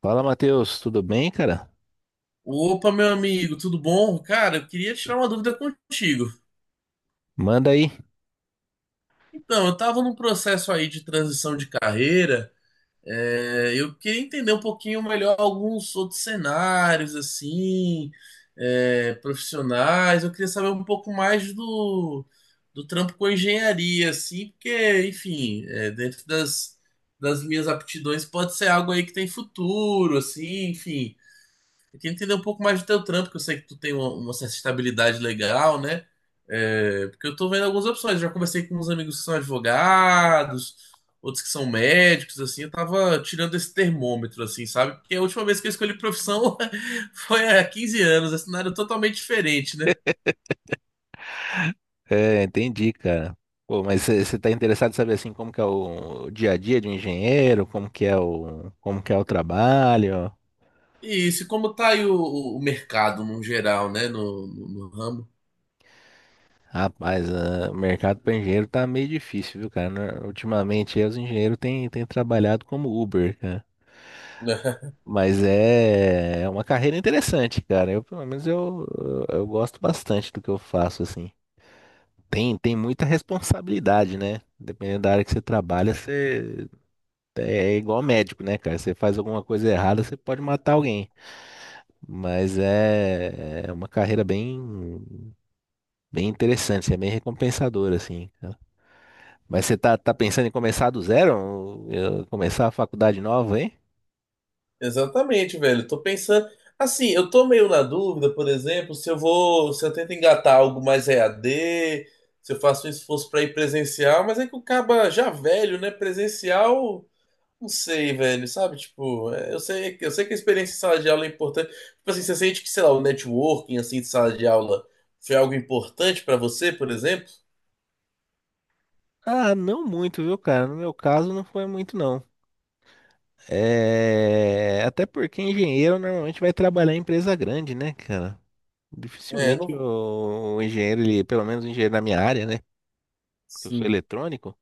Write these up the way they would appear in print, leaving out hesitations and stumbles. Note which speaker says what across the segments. Speaker 1: Fala, Matheus, tudo bem, cara?
Speaker 2: Opa, meu amigo, tudo bom? Cara, eu queria tirar uma dúvida contigo.
Speaker 1: Manda aí.
Speaker 2: Então, eu estava num processo aí de transição de carreira. Eu queria entender um pouquinho melhor alguns outros cenários, assim, profissionais. Eu queria saber um pouco mais do trampo com engenharia, assim, porque, enfim, é, dentro das minhas aptidões pode ser algo aí que tem futuro, assim, enfim. Eu queria entender um pouco mais do teu trampo, que eu sei que tu tem uma certa estabilidade legal, né? É, porque eu tô vendo algumas opções. Já conversei com uns amigos que são advogados, outros que são médicos, assim. Eu tava tirando esse termômetro, assim, sabe? Porque a última vez que eu escolhi profissão foi há 15 anos, é um cenário totalmente diferente, né?
Speaker 1: Entendi, cara. Pô, mas você tá interessado em saber assim como que é o dia a dia de um engenheiro, como que é o trabalho?
Speaker 2: E isso, e como tá aí o mercado no geral, né? No ramo.
Speaker 1: Rapaz, o mercado para engenheiro tá meio difícil, viu, cara? Ultimamente aí, os engenheiros têm trabalhado como Uber, cara. Mas é uma carreira interessante, cara. Eu, pelo menos eu, gosto bastante do que eu faço, assim. Tem muita responsabilidade, né? Dependendo da área que você trabalha, você é igual médico, né, cara? Você faz alguma coisa errada, você pode matar alguém. Mas é uma carreira bem interessante, é bem recompensadora, assim. Mas você tá pensando em começar do zero? Começar a faculdade nova, hein?
Speaker 2: Exatamente, velho. Tô pensando. Assim, eu tô meio na dúvida, por exemplo, se eu tento engatar algo mais EAD, se eu faço um esforço pra ir presencial, mas é que o caba já velho, né? Presencial, não sei, velho, sabe? Tipo, é, eu sei que a experiência em sala de aula é importante. Tipo assim, você sente que, sei lá, o networking, assim, de sala de aula foi algo importante pra você, por exemplo?
Speaker 1: Ah, não muito, viu, cara? No meu caso, não foi muito, não. É... Até porque engenheiro normalmente vai trabalhar em empresa grande, né, cara?
Speaker 2: É,
Speaker 1: Dificilmente
Speaker 2: não.
Speaker 1: o engenheiro, ele, pelo menos o engenheiro da minha área, né? Porque eu sou
Speaker 2: Sim.
Speaker 1: eletrônico.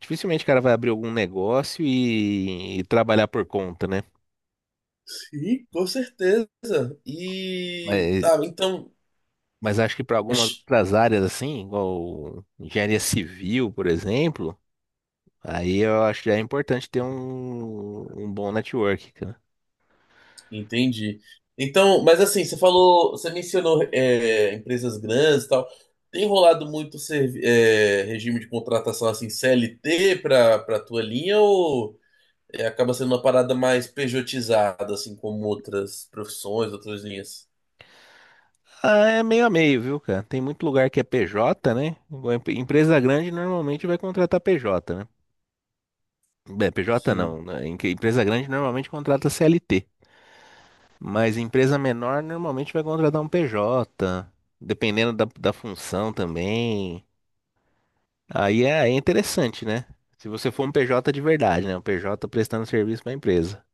Speaker 1: Dificilmente o cara vai abrir algum negócio e trabalhar por conta, né?
Speaker 2: Sim, com certeza. E.
Speaker 1: Mas,
Speaker 2: Tá, então.
Speaker 1: mas acho que para algumas outras áreas, assim, igual engenharia civil, por exemplo, aí eu acho que já é importante ter um bom network, cara.
Speaker 2: Entendi. Então, mas assim, você mencionou empresas grandes e tal. Tem rolado muito regime de contratação assim CLT para tua linha ou é, acaba sendo uma parada mais pejotizada assim como outras profissões, outras linhas?
Speaker 1: Ah, é meio a meio, viu, cara? Tem muito lugar que é PJ, né? Empresa grande normalmente vai contratar PJ, né? Bem, PJ
Speaker 2: Sim.
Speaker 1: não, né? Empresa grande normalmente contrata CLT. Mas empresa menor normalmente vai contratar um PJ, dependendo da função também. Aí é interessante, né? Se você for um PJ de verdade, né? Um PJ prestando serviço para a empresa.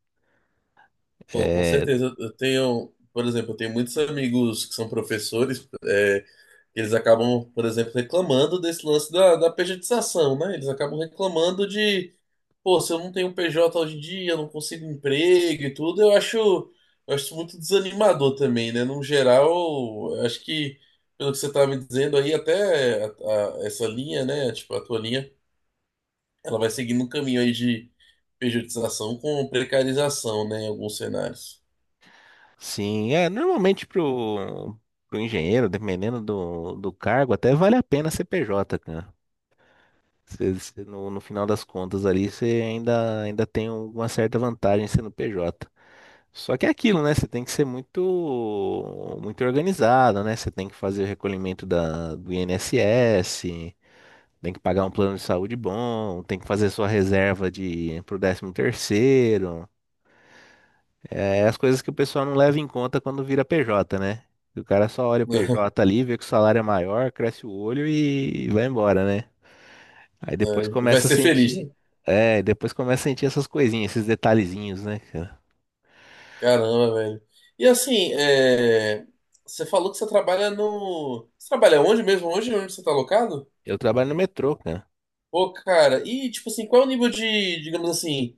Speaker 2: Pô, com
Speaker 1: É,
Speaker 2: certeza. Eu tenho, por exemplo, eu tenho muitos amigos que são professores, é, eles acabam, por exemplo, reclamando desse lance da pejotização, né? Eles acabam reclamando de pô, se eu não tenho PJ hoje em dia, eu não consigo emprego e tudo, eu acho muito desanimador também, né? No geral, eu acho que, pelo que você estava me dizendo aí, essa linha, né? Tipo, a tua linha, ela vai seguindo um caminho aí de pejotização com precarização, né? Em alguns cenários.
Speaker 1: sim, é normalmente pro engenheiro, dependendo do cargo, até vale a pena ser PJ, cara. Você no final das contas ali, você ainda tem uma certa vantagem sendo PJ. Só que é aquilo, né? Você tem que ser muito organizado, né? Você tem que fazer o recolhimento do INSS, tem que pagar um plano de saúde bom, tem que fazer sua reserva de pro décimo terceiro. É as coisas que o pessoal não leva em conta quando vira PJ, né? O cara só olha o PJ ali, vê que o salário é maior, cresce o olho e vai embora, né? Aí depois
Speaker 2: É, vai
Speaker 1: começa a
Speaker 2: ser feliz,
Speaker 1: sentir,
Speaker 2: né?
Speaker 1: depois começa a sentir essas coisinhas, esses detalhezinhos, né, cara?
Speaker 2: Caramba, velho. E assim, é, você falou que você trabalha no. Você trabalha onde mesmo? Onde? Onde você está alocado?
Speaker 1: Eu trabalho no metrô, cara.
Speaker 2: Pô, cara, e tipo assim, qual é o nível de, digamos assim,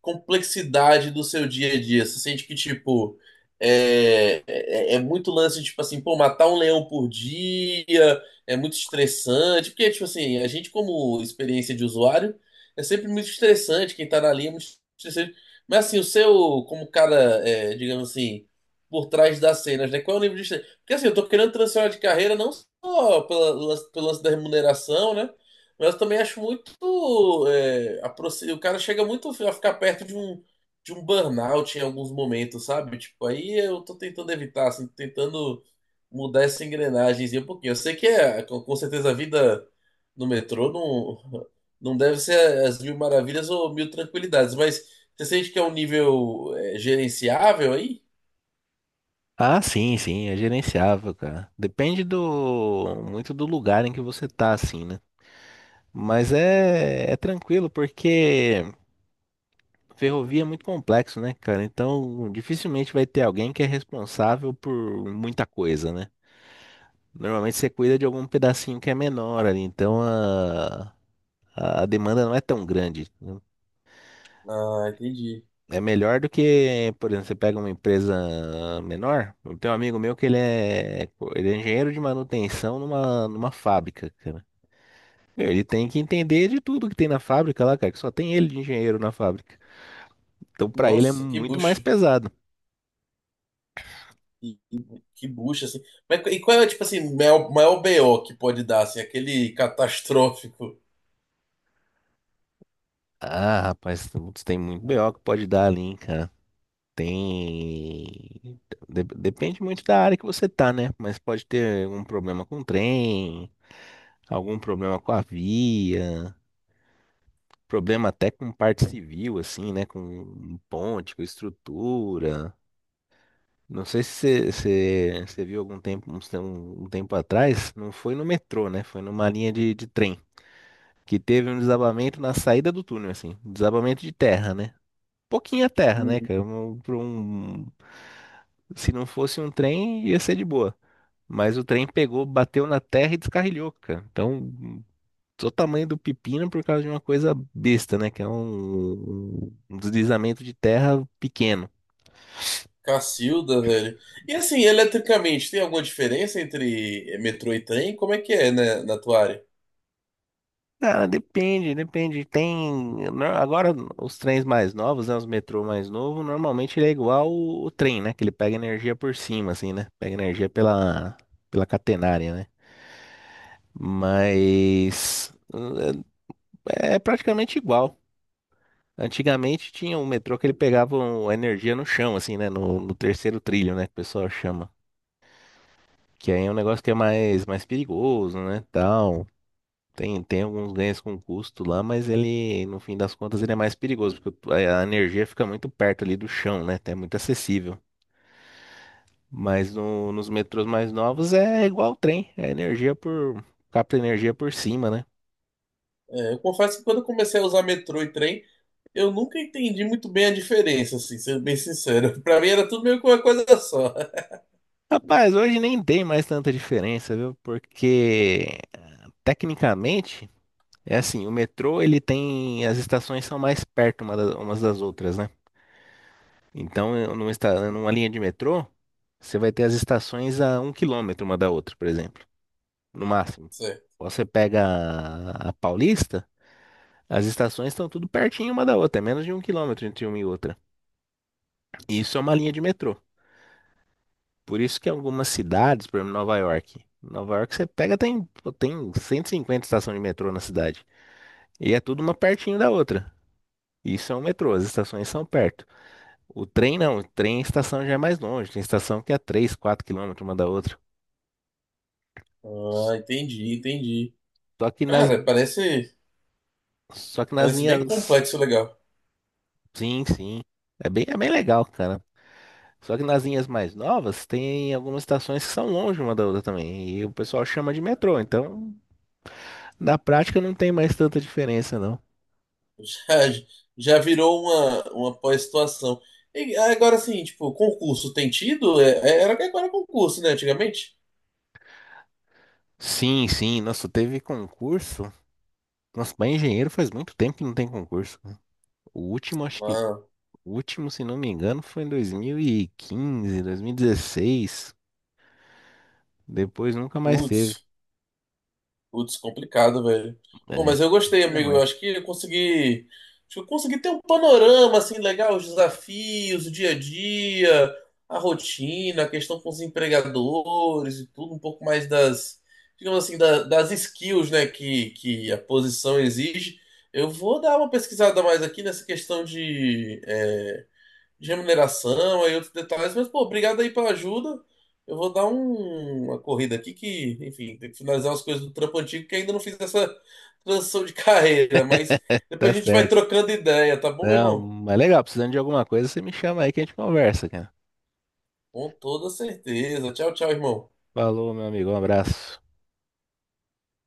Speaker 2: complexidade do seu dia a dia? Você sente que, tipo, é muito lance, tipo assim, pô, matar um leão por dia é muito estressante, porque, tipo assim, a gente, como experiência de usuário, é sempre muito estressante, quem tá na linha é muito estressante. Mas assim, o seu, como cara, é, digamos assim, por trás das cenas, né? Qual é o nível de estresse? Porque assim, eu tô querendo transicionar de carreira não só pela, pelo lance da remuneração, né? Mas eu também acho muito. O cara chega muito a ficar perto de um burnout em alguns momentos, sabe? Tipo, aí eu tô tentando evitar, assim, tentando mudar essa engrenagemzinha um pouquinho. Eu sei que é, com certeza a vida no metrô não, não deve ser as mil maravilhas ou mil tranquilidades, mas você sente que é um nível é, gerenciável aí?
Speaker 1: Ah, sim, sim, é gerenciável, cara. Depende do muito do lugar em que você tá, assim, né? Mas é tranquilo, porque ferrovia é muito complexo, né, cara? Então, dificilmente vai ter alguém que é responsável por muita coisa, né? Normalmente você cuida de algum pedacinho que é menor ali, então a demanda não é tão grande.
Speaker 2: Ah, entendi.
Speaker 1: É melhor do que, por exemplo, você pega uma empresa menor. Eu tenho um amigo meu que ele é engenheiro de manutenção numa fábrica, cara. Meu, ele tem que entender de tudo que tem na fábrica lá, cara, que só tem ele de engenheiro na fábrica. Então, pra ele é
Speaker 2: Nossa, que
Speaker 1: muito mais
Speaker 2: bucha.
Speaker 1: pesado.
Speaker 2: E, e que bucha, assim. Mas, e qual é, tipo assim, maior BO que pode dar, assim, aquele catastrófico.
Speaker 1: Ah, rapaz, putz, tem muito BO que pode dar ali, hein, cara. Tem. Depende muito da área que você tá, né? Mas pode ter um problema com o trem, algum problema com a via. Problema até com parte civil, assim, né? Com ponte, com estrutura. Não sei se viu algum tempo, tempo atrás, não foi no metrô, né? Foi numa linha de trem, que teve um desabamento na saída do túnel, assim, desabamento de terra, né? Pouquinha terra, né,
Speaker 2: Uhum.
Speaker 1: cara? Se não fosse um trem, ia ser de boa. Mas o trem pegou, bateu na terra e descarrilhou, cara. Então, o tamanho do pepino por causa de uma coisa besta, né? Que é um deslizamento de terra pequeno.
Speaker 2: Cacilda, velho. E assim, eletricamente, tem alguma diferença entre metrô e trem? Como é que é, né, na tua área?
Speaker 1: Cara, depende. Tem. Agora, os trens mais novos, né? Os metrô mais novo, normalmente ele é igual o trem, né? Que ele pega energia por cima, assim, né? Pega energia pela catenária, né? Mas. eh, É praticamente igual. Antigamente tinha um metrô que ele pegava energia no chão, assim, né? No terceiro trilho, né? Que o pessoal chama. Que aí é um negócio que é mais perigoso, né? Tal. Tem alguns ganhos com custo lá, mas ele, no fim das contas, ele é mais perigoso, porque a energia fica muito perto ali do chão, né? É muito acessível. Mas nos metrôs mais novos é igual o trem, é energia capta energia por cima, né?
Speaker 2: É, eu confesso que quando eu comecei a usar metrô e trem, eu nunca entendi muito bem a diferença, assim, sendo bem sincero. Pra mim era tudo meio que uma coisa só.
Speaker 1: Rapaz, hoje nem tem mais tanta diferença, viu? Porque tecnicamente é assim, o metrô ele tem as estações são mais perto umas das outras, né? Então, numa linha de metrô, você vai ter as estações a um quilômetro uma da outra, por exemplo, no máximo.
Speaker 2: Certo.
Speaker 1: Você pega a Paulista, as estações estão tudo pertinho uma da outra, é menos de um quilômetro entre uma e outra. E isso é uma linha de metrô. Por isso que algumas cidades, por exemplo, Nova York. Nova York você pega, tem, pô, tem 150 estações de metrô na cidade. E é tudo uma pertinho da outra. Isso é um metrô, as estações são perto. O trem não, o trem a estação já é mais longe, tem estação que é 3, 4 quilômetros uma da outra.
Speaker 2: Ah, entendi.
Speaker 1: Só que nas,
Speaker 2: Cara,
Speaker 1: só que nas
Speaker 2: parece bem
Speaker 1: linhas.
Speaker 2: complexo, e legal.
Speaker 1: Sim, sim. É bem legal, cara. Só que nas linhas mais novas, tem algumas estações que são longe uma da outra também. E o pessoal chama de metrô. Então, na prática, não tem mais tanta diferença, não.
Speaker 2: Já, já virou uma pós-situação. E agora sim, tipo, concurso tem tido? Era que agora é concurso, né? Antigamente?
Speaker 1: Sim, sim. Nossa, teve concurso. Nossa, para engenheiro faz muito tempo que não tem concurso. O último, acho que.
Speaker 2: Ah,
Speaker 1: O último, se não me engano, foi em dois dois mil mil e quinze dois mil e 2016. Depois nunca mais teve.
Speaker 2: putz. Putz, complicado, velho. Pô,
Speaker 1: É.
Speaker 2: mas eu gostei,
Speaker 1: Não,
Speaker 2: amigo.
Speaker 1: mas
Speaker 2: Eu acho que eu consegui. Acho que eu consegui ter um panorama assim legal, os desafios, o dia a dia, a rotina, a questão com os empregadores e tudo, um pouco mais das, digamos assim, das skills, né, que a posição exige. Eu vou dar uma pesquisada mais aqui nessa questão de, é, de remuneração, aí outros detalhes, mas, pô, obrigado aí pela ajuda. Eu vou dar uma corrida aqui que, enfim, tem que finalizar as coisas do trampo antigo que ainda não fiz essa transição de carreira, mas
Speaker 1: tá
Speaker 2: depois a gente vai
Speaker 1: certo.
Speaker 2: trocando ideia, tá bom, meu
Speaker 1: Não,
Speaker 2: irmão?
Speaker 1: mas legal, precisando de alguma coisa, você me chama aí que a gente conversa, cara.
Speaker 2: Com toda certeza. Tchau, tchau, irmão.
Speaker 1: Falou, meu amigo, um abraço.